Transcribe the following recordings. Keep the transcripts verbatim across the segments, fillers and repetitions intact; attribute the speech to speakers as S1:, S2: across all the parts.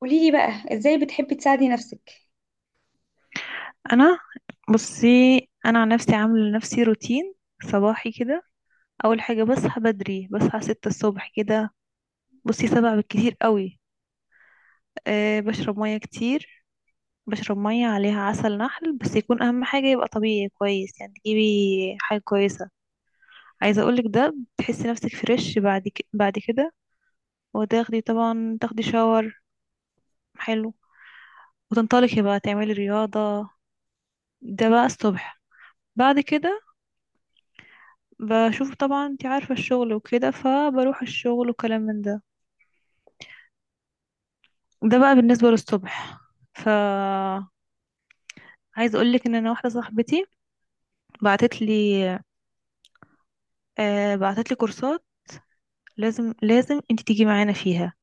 S1: قولي لي بقى ازاي بتحبي تساعدي نفسك؟
S2: انا بصي، انا عن نفسي عامله لنفسي روتين صباحي كده. اول حاجه، بصحى بدري، بصحى ستة الصبح كده، بصي سبعة بالكتير قوي. أه بشرب ميه كتير، بشرب ميه عليها عسل نحل، بس يكون اهم حاجه يبقى طبيعي كويس، يعني تجيبي حاجه كويسه. عايزه اقولك ده، بتحسي نفسك فريش بعد ك... بعد كده. وتاخدي طبعا، تاخدي شاور، حلو، وتنطلقي بقى تعملي رياضه. ده بقى الصبح. بعد كده بشوف طبعا، انت عارفة الشغل وكده، فبروح الشغل وكلام من ده. ده بقى بالنسبة للصبح. ف عايز اقولك ان انا واحدة صاحبتي بعتت لي، آه بعتت لي كورسات، لازم لازم انت تيجي معانا فيها.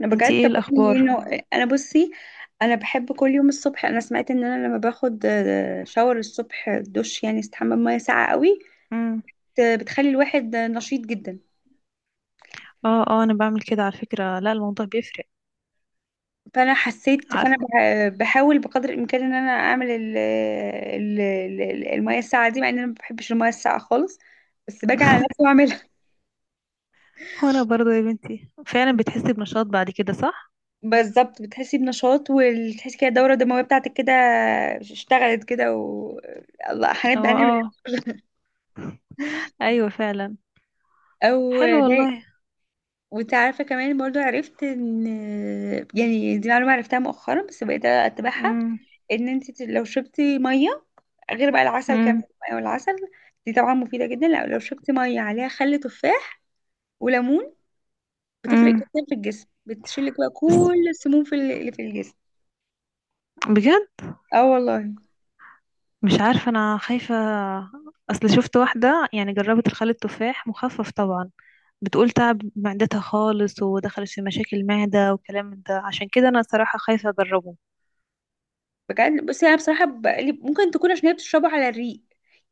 S1: انا
S2: انت
S1: بجد.
S2: ايه
S1: طب قولي لي
S2: الاخبار؟
S1: انه انا. بصي، انا بحب كل يوم الصبح. انا سمعت ان انا لما باخد آه، شاور الصبح، دش، يعني استحمى بميه ساقعه قوي.
S2: امم
S1: بت- بتخلي الواحد آه، نشيط جدا.
S2: اه اه، انا بعمل كده على فكرة، لا الموضوع بيفرق.
S1: فانا حسيت، فانا
S2: عارفة.
S1: بح- بحاول بقدر الامكان ان انا اعمل ال ال ال- الميه الساقعه دي، مع ان انا ما بحبش الميه الساقعه خالص. بس باجي على نفسي واعملها.
S2: وانا برضه يا بنتي فعلا بتحسي بنشاط بعد كده، صح.
S1: بالظبط بتحسي بنشاط، وتحسي كده الدوره الدمويه بتاعتك كده اشتغلت كده، و الله
S2: اه
S1: هنبدأ نعمل.
S2: اه، ايوه فعلا.
S1: او
S2: حلو
S1: ده.
S2: والله.
S1: وانت عارفه كمان برضو، عرفت ان يعني دي معلومه عرفتها مؤخرا، بس بقيت اتبعها.
S2: امم
S1: ان انت لو شربتي ميه، غير بقى العسل كمان،
S2: امم
S1: او العسل دي طبعا مفيده جدا. لا لو شربتي ميه عليها خل تفاح وليمون، بتفرق
S2: امم
S1: جدا في الجسم. بتشيلك بقى
S2: بس،
S1: كل السموم في ال- اللي في الجسم.
S2: بجد
S1: اه والله.
S2: مش عارفة، أنا خايفة. أصل شفت واحدة، يعني جربت الخل التفاح مخفف طبعا، بتقول تعب معدتها خالص، ودخلت في مشاكل معدة وكلام من ده، عشان كده أنا صراحة خايفة أجربه.
S1: بجد بس انا بصراحه بقلي- ممكن تكون عشان هي بتشربه على الريق،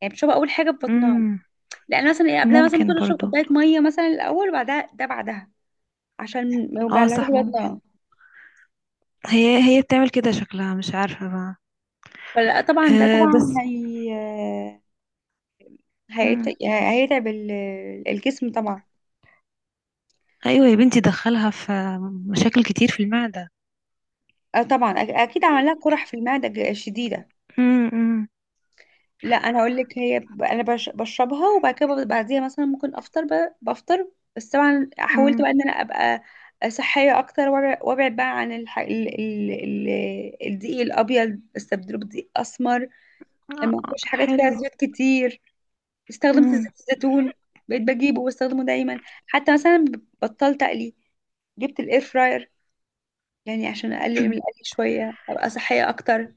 S1: يعني بتشربها اول حاجه في بطنها.
S2: امم،
S1: لان مثلا إيه، قبلها مثلا
S2: ممكن
S1: ممكن اشرب
S2: برضو.
S1: كوبايه ميه مثلا الاول، وبعدها ده بعدها، عشان ما
S2: اه
S1: يوجعلهاش
S2: صح، ممكن.
S1: بطنها.
S2: هي هي بتعمل كده، شكلها مش عارفة بقى.
S1: فلا طبعا ده
S2: أه
S1: طبعا
S2: بس.
S1: هي
S2: مم.
S1: هيت- هيتعب ال- الجسم طبعا.
S2: أيوة يا بنتي، دخلها في مشاكل كتير في المعدة.
S1: آه طبعا، أك- اكيد عمل لها قرح في المعده ج- شديده.
S2: امم
S1: لا انا اقول لك، هي ب- انا بش- بشربها، وبعد كده ب- بعديها مثلا ممكن افطر، ب- بفطر. بس طبعا حاولت بقى
S2: امم.
S1: ان انا ابقى صحيه اكتر، وابع- وابعد بقى عن الح... ال... ال... ال... الدقيق الابيض، بستبدله بدقيق اسمر.
S2: آه،
S1: ما اكلش حاجات فيها
S2: حلو.
S1: زيوت كتير. استخدمت زيت
S2: مم.
S1: الزيتون، بقيت بجيبه واستخدمه دايما. حتى مثلا بطلت اقلي، جبت الاير فراير، يعني عشان اقلل من القلي شويه ابقى صحيه اكتر.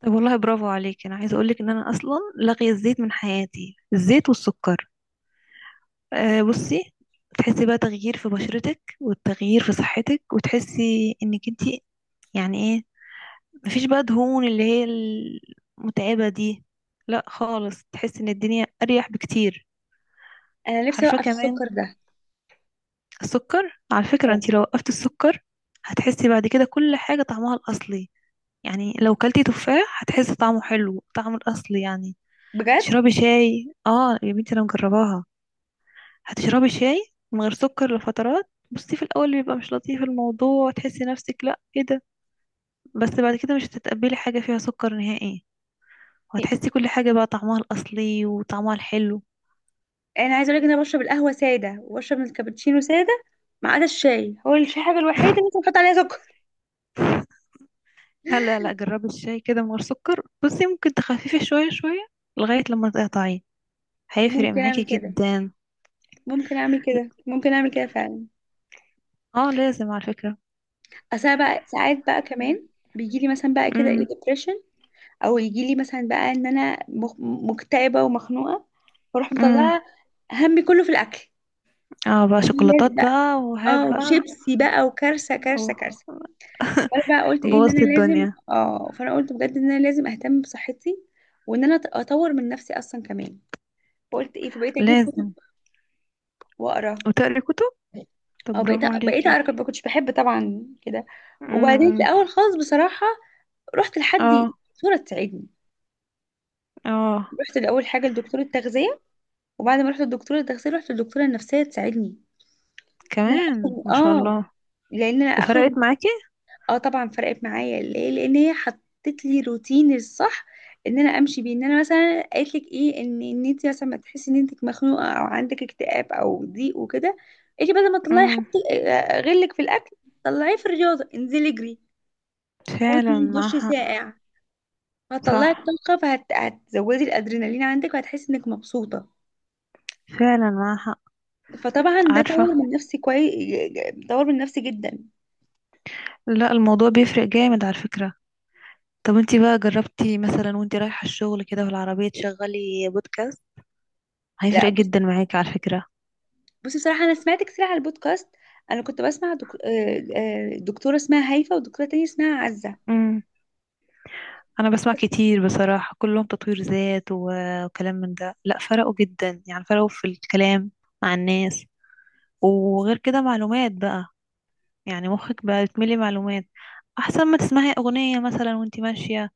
S2: طب والله برافو عليك، انا عايزه اقولك ان انا اصلا لاغيه الزيت من حياتي، الزيت والسكر. آه بصي، تحسي بقى تغيير في بشرتك، والتغيير في صحتك، وتحسي انك انتي يعني ايه، مفيش بقى دهون اللي هي المتعبه دي، لا خالص، تحسي ان الدنيا اريح بكتير.
S1: انا نفسي
S2: عارفه
S1: اوقف
S2: كمان،
S1: السكر ده.
S2: السكر على فكره،
S1: آه.
S2: انتي لو وقفتي السكر هتحسي بعد كده كل حاجه طعمها الاصلي. يعني لو كلتي تفاح هتحسي طعمه حلو، طعمه الاصلي يعني.
S1: بجد.
S2: تشربي شاي، اه يا بنتي انا مجرباها، هتشربي شاي من غير سكر لفترات. بصي في الاول بيبقى مش لطيف الموضوع، تحسي نفسك، لا ايه ده، بس بعد كده مش هتتقبلي حاجه فيها سكر نهائي، وهتحسي كل حاجه بقى طعمها الاصلي وطعمها الحلو.
S1: انا عايزه اقول لك ان انا بشرب القهوه ساده، وبشرب من الكابتشينو ساده، ما عدا الشاي. هو الشاي الحاجه الوحيده اللي ممكن احط عليها سكر.
S2: لا لا لا، جربي الشاي كده من غير سكر، بصي ممكن تخففي شويه شويه لغايه لما تقطعيه، هيفرق
S1: ممكن
S2: معاكي
S1: اعمل كده،
S2: جدا.
S1: ممكن اعمل كده، ممكن اعمل كده فعلا.
S2: اه لازم على فكره.
S1: اصل أنا بقى ساعات بقى كمان بيجي لي مثلا بقى كده ايه
S2: امم
S1: depression، او يجي لي مثلا بقى ان انا مخ- مكتئبه ومخنوقه. فاروح
S2: امم،
S1: مطلعه همي كله في الاكل،
S2: اه بقى
S1: لازم
S2: شوكولاتات
S1: بقى.
S2: بقى وهات
S1: اه
S2: بقى.
S1: شيبسي بقى، وكارثه كارثه
S2: أوه.
S1: كارثه. فانا بقى قلت ايه ان انا
S2: بوظت
S1: لازم.
S2: الدنيا.
S1: اه فانا قلت بجد ان انا لازم اهتم بصحتي، وان انا أط- اطور من نفسي اصلا كمان. فقلت ايه، فبقيت اجيب كتب
S2: لازم.
S1: واقرا.
S2: وتقري كتب، طب
S1: اه بقيت
S2: برافو
S1: بقيت
S2: عليكي.
S1: اقرا. كنت- ما كنتش بحب طبعا كده.
S2: امم
S1: وبعدين في
S2: امم.
S1: الاول خالص بصراحه، رحت لحد
S2: اه
S1: دكتوره تساعدني.
S2: اه.
S1: رحت الاول حاجه لدكتوره تغذيه، وبعد ما رحت للدكتوره التغذيه رحت للدكتوره النفسيه تساعدني. ان انا
S2: كمان،
S1: اخرج،
S2: ما شاء
S1: اه،
S2: الله.
S1: لان انا اخرج من-.
S2: وفرقت معاكي.
S1: اه طبعا فرقت معايا. ليه؟ لان هي حطت لي روتين الصح، ان انا امشي بيه. ان انا مثلا قالت لك ايه ان ان انت مثلا ما تحسي ان انت مخنوقه، او عندك اكتئاب، او ضيق وكده، قالت لي بدل ما تطلعي
S2: امم.
S1: حاجتك آه، غلك في الاكل، طلعيه في الرياضه، انزلي اجري،
S2: فعلا
S1: خدي
S2: معاها
S1: دش
S2: حق.
S1: ساقع. هتطلعي
S2: صح.
S1: الطاقه، فهتزودي الادرينالين عندك، وهتحسي انك مبسوطه.
S2: فعلا معاها حق.
S1: فطبعا ده
S2: عارفة.
S1: طور من نفسي كويس، طور من نفسي جدا.
S2: لا الموضوع بيفرق جامد على فكرة. طب انتي بقى جربتي مثلا، وانتي رايحة الشغل كده في العربية، تشغلي بودكاست؟ هيفرق
S1: لا بص.
S2: جدا معاكي على فكرة.
S1: بصي بصراحه، انا سمعت كتير على البودكاست. انا كنت بسمع دك... آه، آه، دكتوره اسمها هيفا، ودكتوره تانية اسمها عزه.
S2: امم. انا بسمع كتير بصراحة، كلهم تطوير ذات و- وكلام من ده، لا فرقوا جدا، يعني فرقوا في الكلام مع الناس، وغير كده معلومات بقى، يعني مخك بقى يتملي معلومات، احسن ما تسمعي اغنية مثلا وانتي ماشية.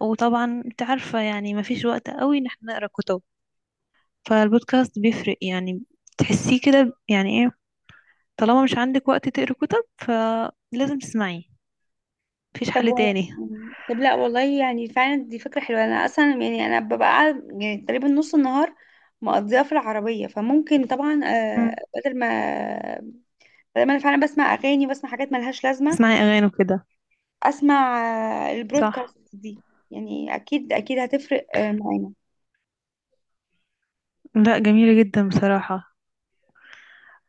S2: وطبعا انت عارفة، يعني مفيش وقت قوي ان احنا نقرا كتب، فالبودكاست بيفرق يعني، تحسيه كده يعني ايه، طالما مش عندك وقت تقري كتب فلازم تسمعيه، مفيش
S1: طب
S2: حل
S1: و...
S2: تاني.
S1: طب لا والله، يعني فعلا دي فكره حلوه. انا اصلا يعني انا ببقى قاعد- يعني تقريبا نص النهار مقضيها في العربيه، فممكن طبعا آه،
S2: مم.
S1: بدل ما بدل ما انا فعلا بسمع اغاني وبسمع حاجات ملهاش لازمه،
S2: تسمعي اغاني وكده،
S1: اسمع آه،
S2: صح.
S1: البرودكاست دي. يعني اكيد اكيد هتفرق آه، معانا.
S2: لا جميلة جدا بصراحة.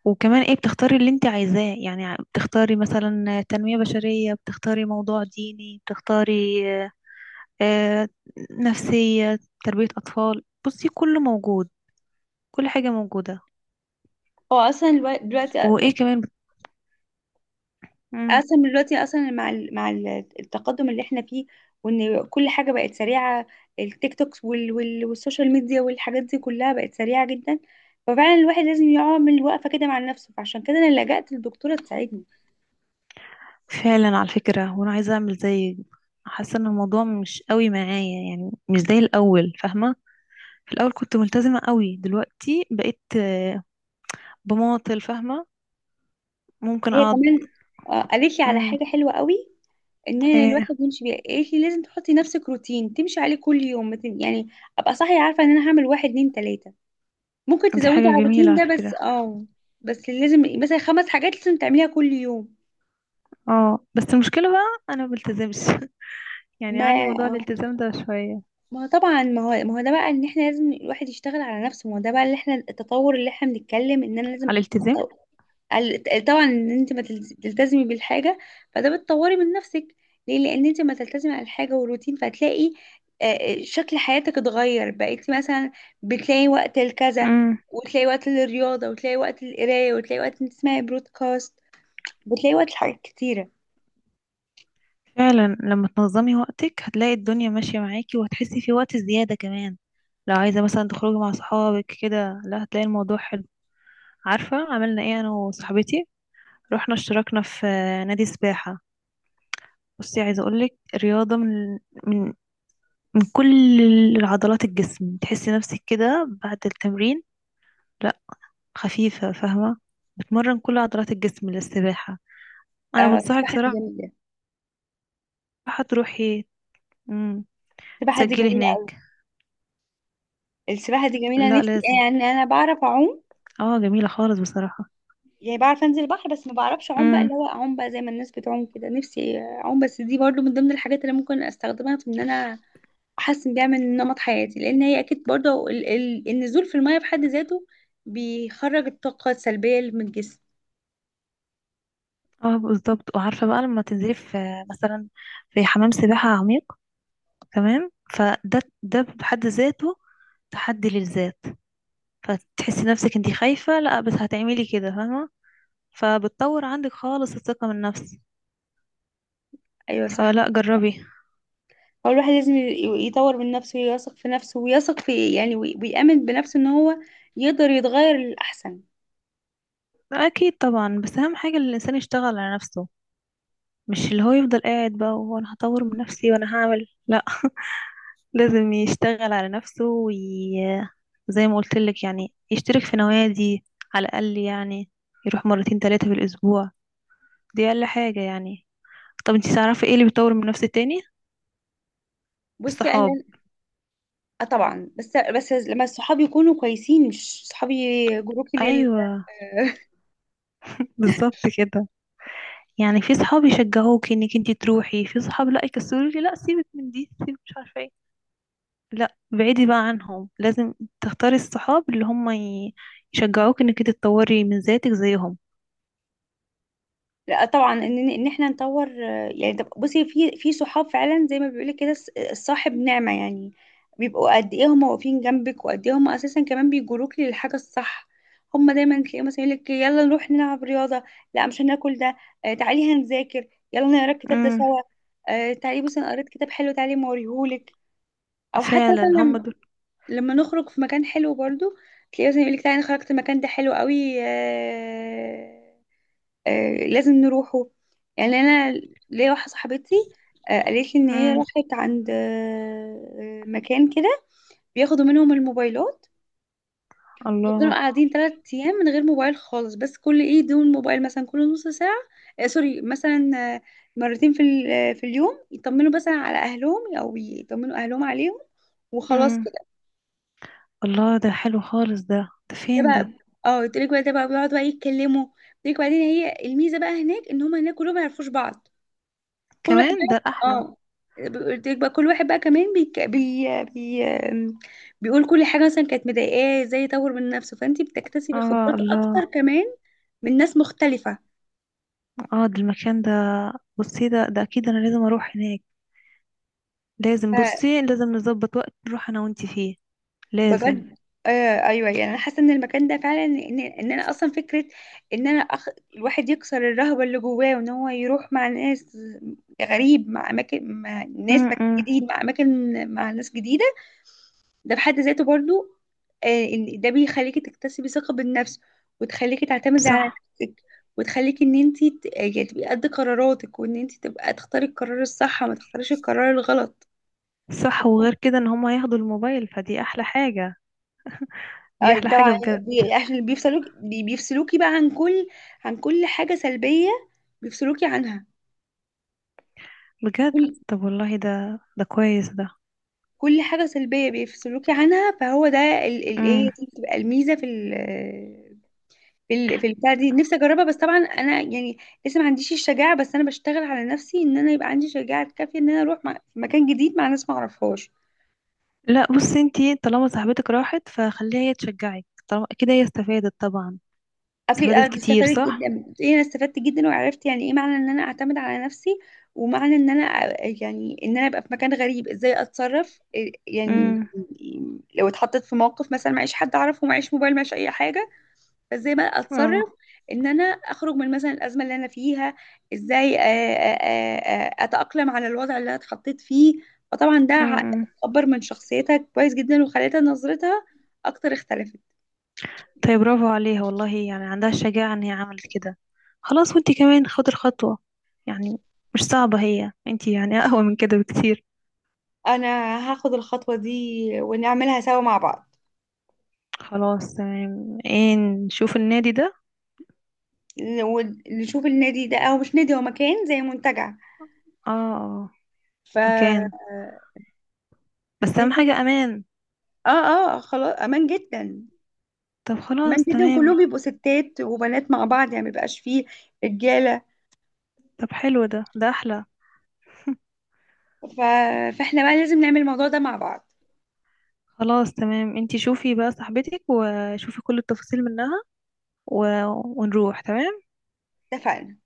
S2: وكمان ايه، بتختاري اللي انت عايزاه، يعني بتختاري مثلا تنمية بشرية، بتختاري موضوع ديني، بتختاري آه، نفسية، تربية أطفال. بصي كله موجود، كل حاجة موجودة.
S1: هو اصلا الوا- دلوقتي
S2: وإيه كمان. مم.
S1: اصلا دلوقتي اصلا مع ال- مع ال- التقدم اللي احنا فيه، وان كل حاجه بقت سريعه. التيك توكس وال وال والسوشيال ميديا والحاجات دي كلها بقت سريعه جدا. ففعلا الواحد لازم يعمل وقفه كده مع نفسه، فعشان كده انا لجأت للدكتوره تساعدني.
S2: فعلا على فكرة. وأنا عايزة أعمل زي، حاسة إن الموضوع مش قوي معايا، يعني مش زي الأول فاهمة، في الأول كنت ملتزمة قوي، دلوقتي بقيت آه، بماطل فاهمة، ممكن
S1: هي
S2: أقعد.
S1: كمان آه، قالت لي على
S2: مم.
S1: حاجه حلوه قوي، ان أنا
S2: إيه؟
S1: الواحد يمشي بيها. قالت لي لازم تحطي نفسك روتين تمشي عليه كل يوم. ما تن- يعني ابقى صاحيه عارفه ان انا هعمل واحد اتنين تلاته. ممكن
S2: دي
S1: تزودي
S2: حاجة
S1: على
S2: جميلة
S1: الروتين
S2: على
S1: ده، بس
S2: فكرة.
S1: اه، بس لازم مثلا خمس حاجات لازم تعمليها كل يوم.
S2: اه بس المشكلة بقى أنا مبلتزمش. يعني عندي موضوع
S1: ما
S2: الالتزام ده شوية.
S1: ما هو طبعا ما هو ما هو ده بقى، ان احنا لازم الواحد يشتغل على نفسه. ما هو ده بقى اللي احنا التطور اللي احنا بنتكلم ان انا لازم.
S2: على الالتزام.
S1: آه، ال- طبعا ان انت ما تلز- تلتزمي بالحاجه، فده بتطوري من نفسك. ليه؟ لان انت ما تلتزمي على الحاجه والروتين، فهتلاقي آه، آه، شكل حياتك اتغير. بقيتي مثلا بتلاقي وقت لكذا، وتلاقي وقت للرياضه، وتلاقي وقت للقرايه، وتلاقي وقت انت تسمعي برودكاست، بتلاقي وقت لحاجات كتيرة.
S2: فعلا لما تنظمي وقتك هتلاقي الدنيا ماشية معاكي، وهتحسي في وقت زيادة كمان. لو عايزة مثلا تخرجي مع صحابك كده، لا هتلاقي الموضوع حلو. عارفة عملنا ايه انا وصاحبتي؟ رحنا اشتركنا في نادي سباحة. بصي عايزة اقولك، رياضة من من من كل العضلات الجسم، تحسي نفسك كده بعد التمرين، لا خفيفة فاهمة. بتمرن كل عضلات الجسم للسباحة. انا
S1: آه
S2: بنصحك
S1: السباحة دي
S2: صراحة،
S1: جميلة.
S2: تروحي، مم،
S1: السباحة دي
S2: تسجلي
S1: جميلة أوي.
S2: هناك.
S1: السباحة دي جميلة،
S2: لا
S1: نفسي. آه،
S2: لازم.
S1: يعني أنا بعرف أعوم،
S2: اه جميلة خالص بصراحة.
S1: يعني بعرف أنزل البحر بس ما بعرفش أعوم بقى.
S2: امم.
S1: اللي هو أعوم بقى زي ما الناس بتعوم كده، نفسي أعوم. بس دي برضو من ضمن الحاجات اللي ممكن أستخدمها في إن أنا أحسن بيها من نمط حياتي، لأن هي أكيد برضو ال ال النزول في المية في حد ذاته بيخرج الطاقة السلبية اللي من الجسم.
S2: اه بالظبط، وعارفة بقى لما تنزلي في مثلا في حمام سباحة عميق، تمام، فده ده بحد ذاته تحدي للذات، فتحسي نفسك انتي خايفة، لا بس هتعملي كده فاهمة، فبتطور عندك خالص الثقة من النفس،
S1: أيوة صح.
S2: فلا جربي.
S1: هو الواحد لازم ي- يطور من نفسه، ويثق في نفسه، ويثق في، يعني، وي- ويأمن بنفسه إن هو يقدر يتغير للأحسن.
S2: اكيد طبعا، بس اهم حاجة ان الانسان يشتغل على نفسه، مش اللي هو يفضل قاعد بقى وانا هطور من نفسي وانا هعمل، لا لازم يشتغل على نفسه وي... زي ما قلت لك، يعني يشترك في نوادي، على الأقل يعني، يروح مرتين ثلاثة في الأسبوع، دي أقل حاجة يعني. طب انتي تعرفي ايه اللي بيطور من نفس التاني؟
S1: بصي
S2: الصحاب.
S1: انا، اه طبعا. بس بس لما الصحاب يكونوا كويسين. مش صحابي، جروبي لل.
S2: ايوه بالظبط كده، يعني في صحاب يشجعوك انك انتي تروحي، في صحاب لا يكسلوكي، لا سيبك من دي، سيبك مش عارفه ايه، لا بعيدي بقى عنهم، لازم تختاري الصحاب اللي هم ي- يشجعوك انك انتي تطوري من ذاتك زيهم.
S1: لا طبعا ان ان احنا نطور آه، يعني. طب بصي، في في صحاب فعلا، زي ما بيقولك كده الص- الصاحب نعمة يعني، بيبقوا قد ايه هم واقفين جنبك، وقد ايه هم اساسا كمان بيجروك للحاجة الصح. هم دايما تلاقيهم مثلا يقولك يلا نروح نلعب رياضة. لا مش هناكل ده. آه تعالي هنذاكر، يلا نقرا الكتاب ده
S2: امم.
S1: سوا. آه تعالي، بس انا قريت كتاب حلو، تعالي ما اوريهولك. او حتى
S2: فعلا هم
S1: مثلا
S2: دول.
S1: لما نخرج في مكان حلو برضو، تلاقيه مثلا يقولك تعالى أنا خرجت المكان ده حلو قوي آه. آه لازم نروحه. يعني انا ليا واحده صاحبتي، آه قالت لي ان هي
S2: امم.
S1: راحت عند آه آه، مكان كده، بياخدوا منهم الموبايلات. يفضلوا
S2: الله.
S1: قاعدين ثلاث ايام من غير موبايل خالص. بس كل ايه دون موبايل، مثلا كل نص ساعه. آه سوري، مثلا آه مرتين في ال- آه، في اليوم، يطمنوا مثلا على اهلهم او يطمنوا اهلهم عليهم، وخلاص.
S2: امم. الله ده حلو خالص ده، ده
S1: ده
S2: فين ده؟
S1: بقى، اه قلت لك بقى ده بقى بيقعدوا بقى يتكلموا. قلت لك بعدين، هي الميزه بقى هناك، ان هم هناك كلهم ما يعرفوش بعض. كل واحد
S2: كمان
S1: بقى،
S2: ده احلى.
S1: اه قلت لك بقى كل واحد بقى كمان بيك... بي... بي... بيقول كل حاجه مثلا كانت مضايقاه ازاي يطور من نفسه. فانت بتكتسبي
S2: اه
S1: خبرات اكتر
S2: الله.
S1: كمان، من ناس مختلفه.
S2: اه ده المكان ده، بصي ده ده اكيد انا لازم اروح هناك، لازم، بصي لازم نظبط وقت نروح انا وانتي فيه، لازم.
S1: بجد آه. ايوه، يعني انا حاسه ان المكان ده فعلا ان, ان انا اصلا فكره ان انا أخ... الواحد يكسر الرهبه اللي جواه، وان هو يروح مع ناس غريب، مع اماكن، مع ناس مك...
S2: امم.
S1: جديد، مع اماكن، مع ناس جديده. ده في حد ذاته برضو آه، ان ده بيخليكي تكتسبي ثقه بالنفس، وتخليكي تعتمدي على
S2: صح.
S1: نفسك، وتخليكي ان انت ت... يعني تبقي قد قراراتك، وان انت تبقى تختاري القرار الصح، وما تختاريش القرار الغلط.
S2: صح وغير كده ان هما ياخدوا الموبايل فدي احلى حاجة، دي
S1: اه
S2: احلى حاجة
S1: طبعا،
S2: بجد.
S1: بي- عشان بيفصلوك بي- بيفصلوكي بقى عن كل، عن كل حاجة سلبية بيفصلوكي عنها.
S2: بجد.
S1: كل
S2: طب والله ده ده كويس ده.
S1: كل حاجة سلبية بيفصلوكي عنها. فهو ده ال- ال- ايه
S2: امم.
S1: دي، بتبقى الميزة في ال في ال في البتاع دي. نفسي اجربها، بس طبعا انا يعني لسه ما عنديش الشجاعة. بس انا بشتغل على نفسي ان انا يبقى عندي شجاعة كافية ان انا اروح، مع في مكان جديد مع ناس ما اعرفهاش.
S2: لا بصي انتي طالما صاحبتك راحت فخليها هي تشجعك، طالما كده هي استفادت طبعا،
S1: اكيد
S2: استفادت
S1: انا
S2: كتير
S1: استفدت
S2: صح.
S1: جدا، بتقولي انا استفدت جدا، وعرفت يعني ايه معنى ان انا اعتمد على نفسي. ومعنى ان انا أ- يعني ان انا ابقى في مكان غريب، ازاي اتصرف إيه- يعني،
S2: امم.
S1: لو اتحطيت في موقف مثلا معيش حد اعرفه، معيش موبايل، معيش اي حاجه، فازاي بقى
S2: اه.
S1: اتصرف، ان انا اخرج من مثلا الازمه اللي انا فيها. ازاي آه، آه، آه، آه، اتاقلم على الوضع اللي انا اتحطيت فيه. فطبعا ده ع-
S2: أمم.
S1: اكبر من شخصيتها كويس جدا، وخلتها نظرتها اكتر اختلفت.
S2: طيب برافو عليها والله، يعني عندها الشجاعة ان هي عملت كده، خلاص وانتي كمان خدي الخطوة، يعني مش صعبة، هي انتي يعني اقوى من كده بكتير.
S1: انا هاخد الخطوة دي، ونعملها سوا مع بعض.
S2: خلاص تمام، ايه نشوف النادي ده.
S1: ن- ونشوف النادي ده، او مش نادي، هو مكان زي منتجع.
S2: اه آه،
S1: ف
S2: مكان، بس
S1: اه.
S2: اهم حاجة امان.
S1: اه خلاص امان جدا.
S2: طب
S1: امان
S2: خلاص
S1: جدا، كلهم
S2: تمام.
S1: بيبقوا ستات وبنات مع بعض، يعني ما بيبقاش فيه رجالة.
S2: طب حلو ده ده احلى.
S1: ف... فاحنا بقى لازم نعمل الموضوع ده مع بعض.
S2: خلاص تمام، انتي شوفي بقى صاحبتك وشوفي كل التفاصيل منها و... ونروح تمام.
S1: اتفقنا.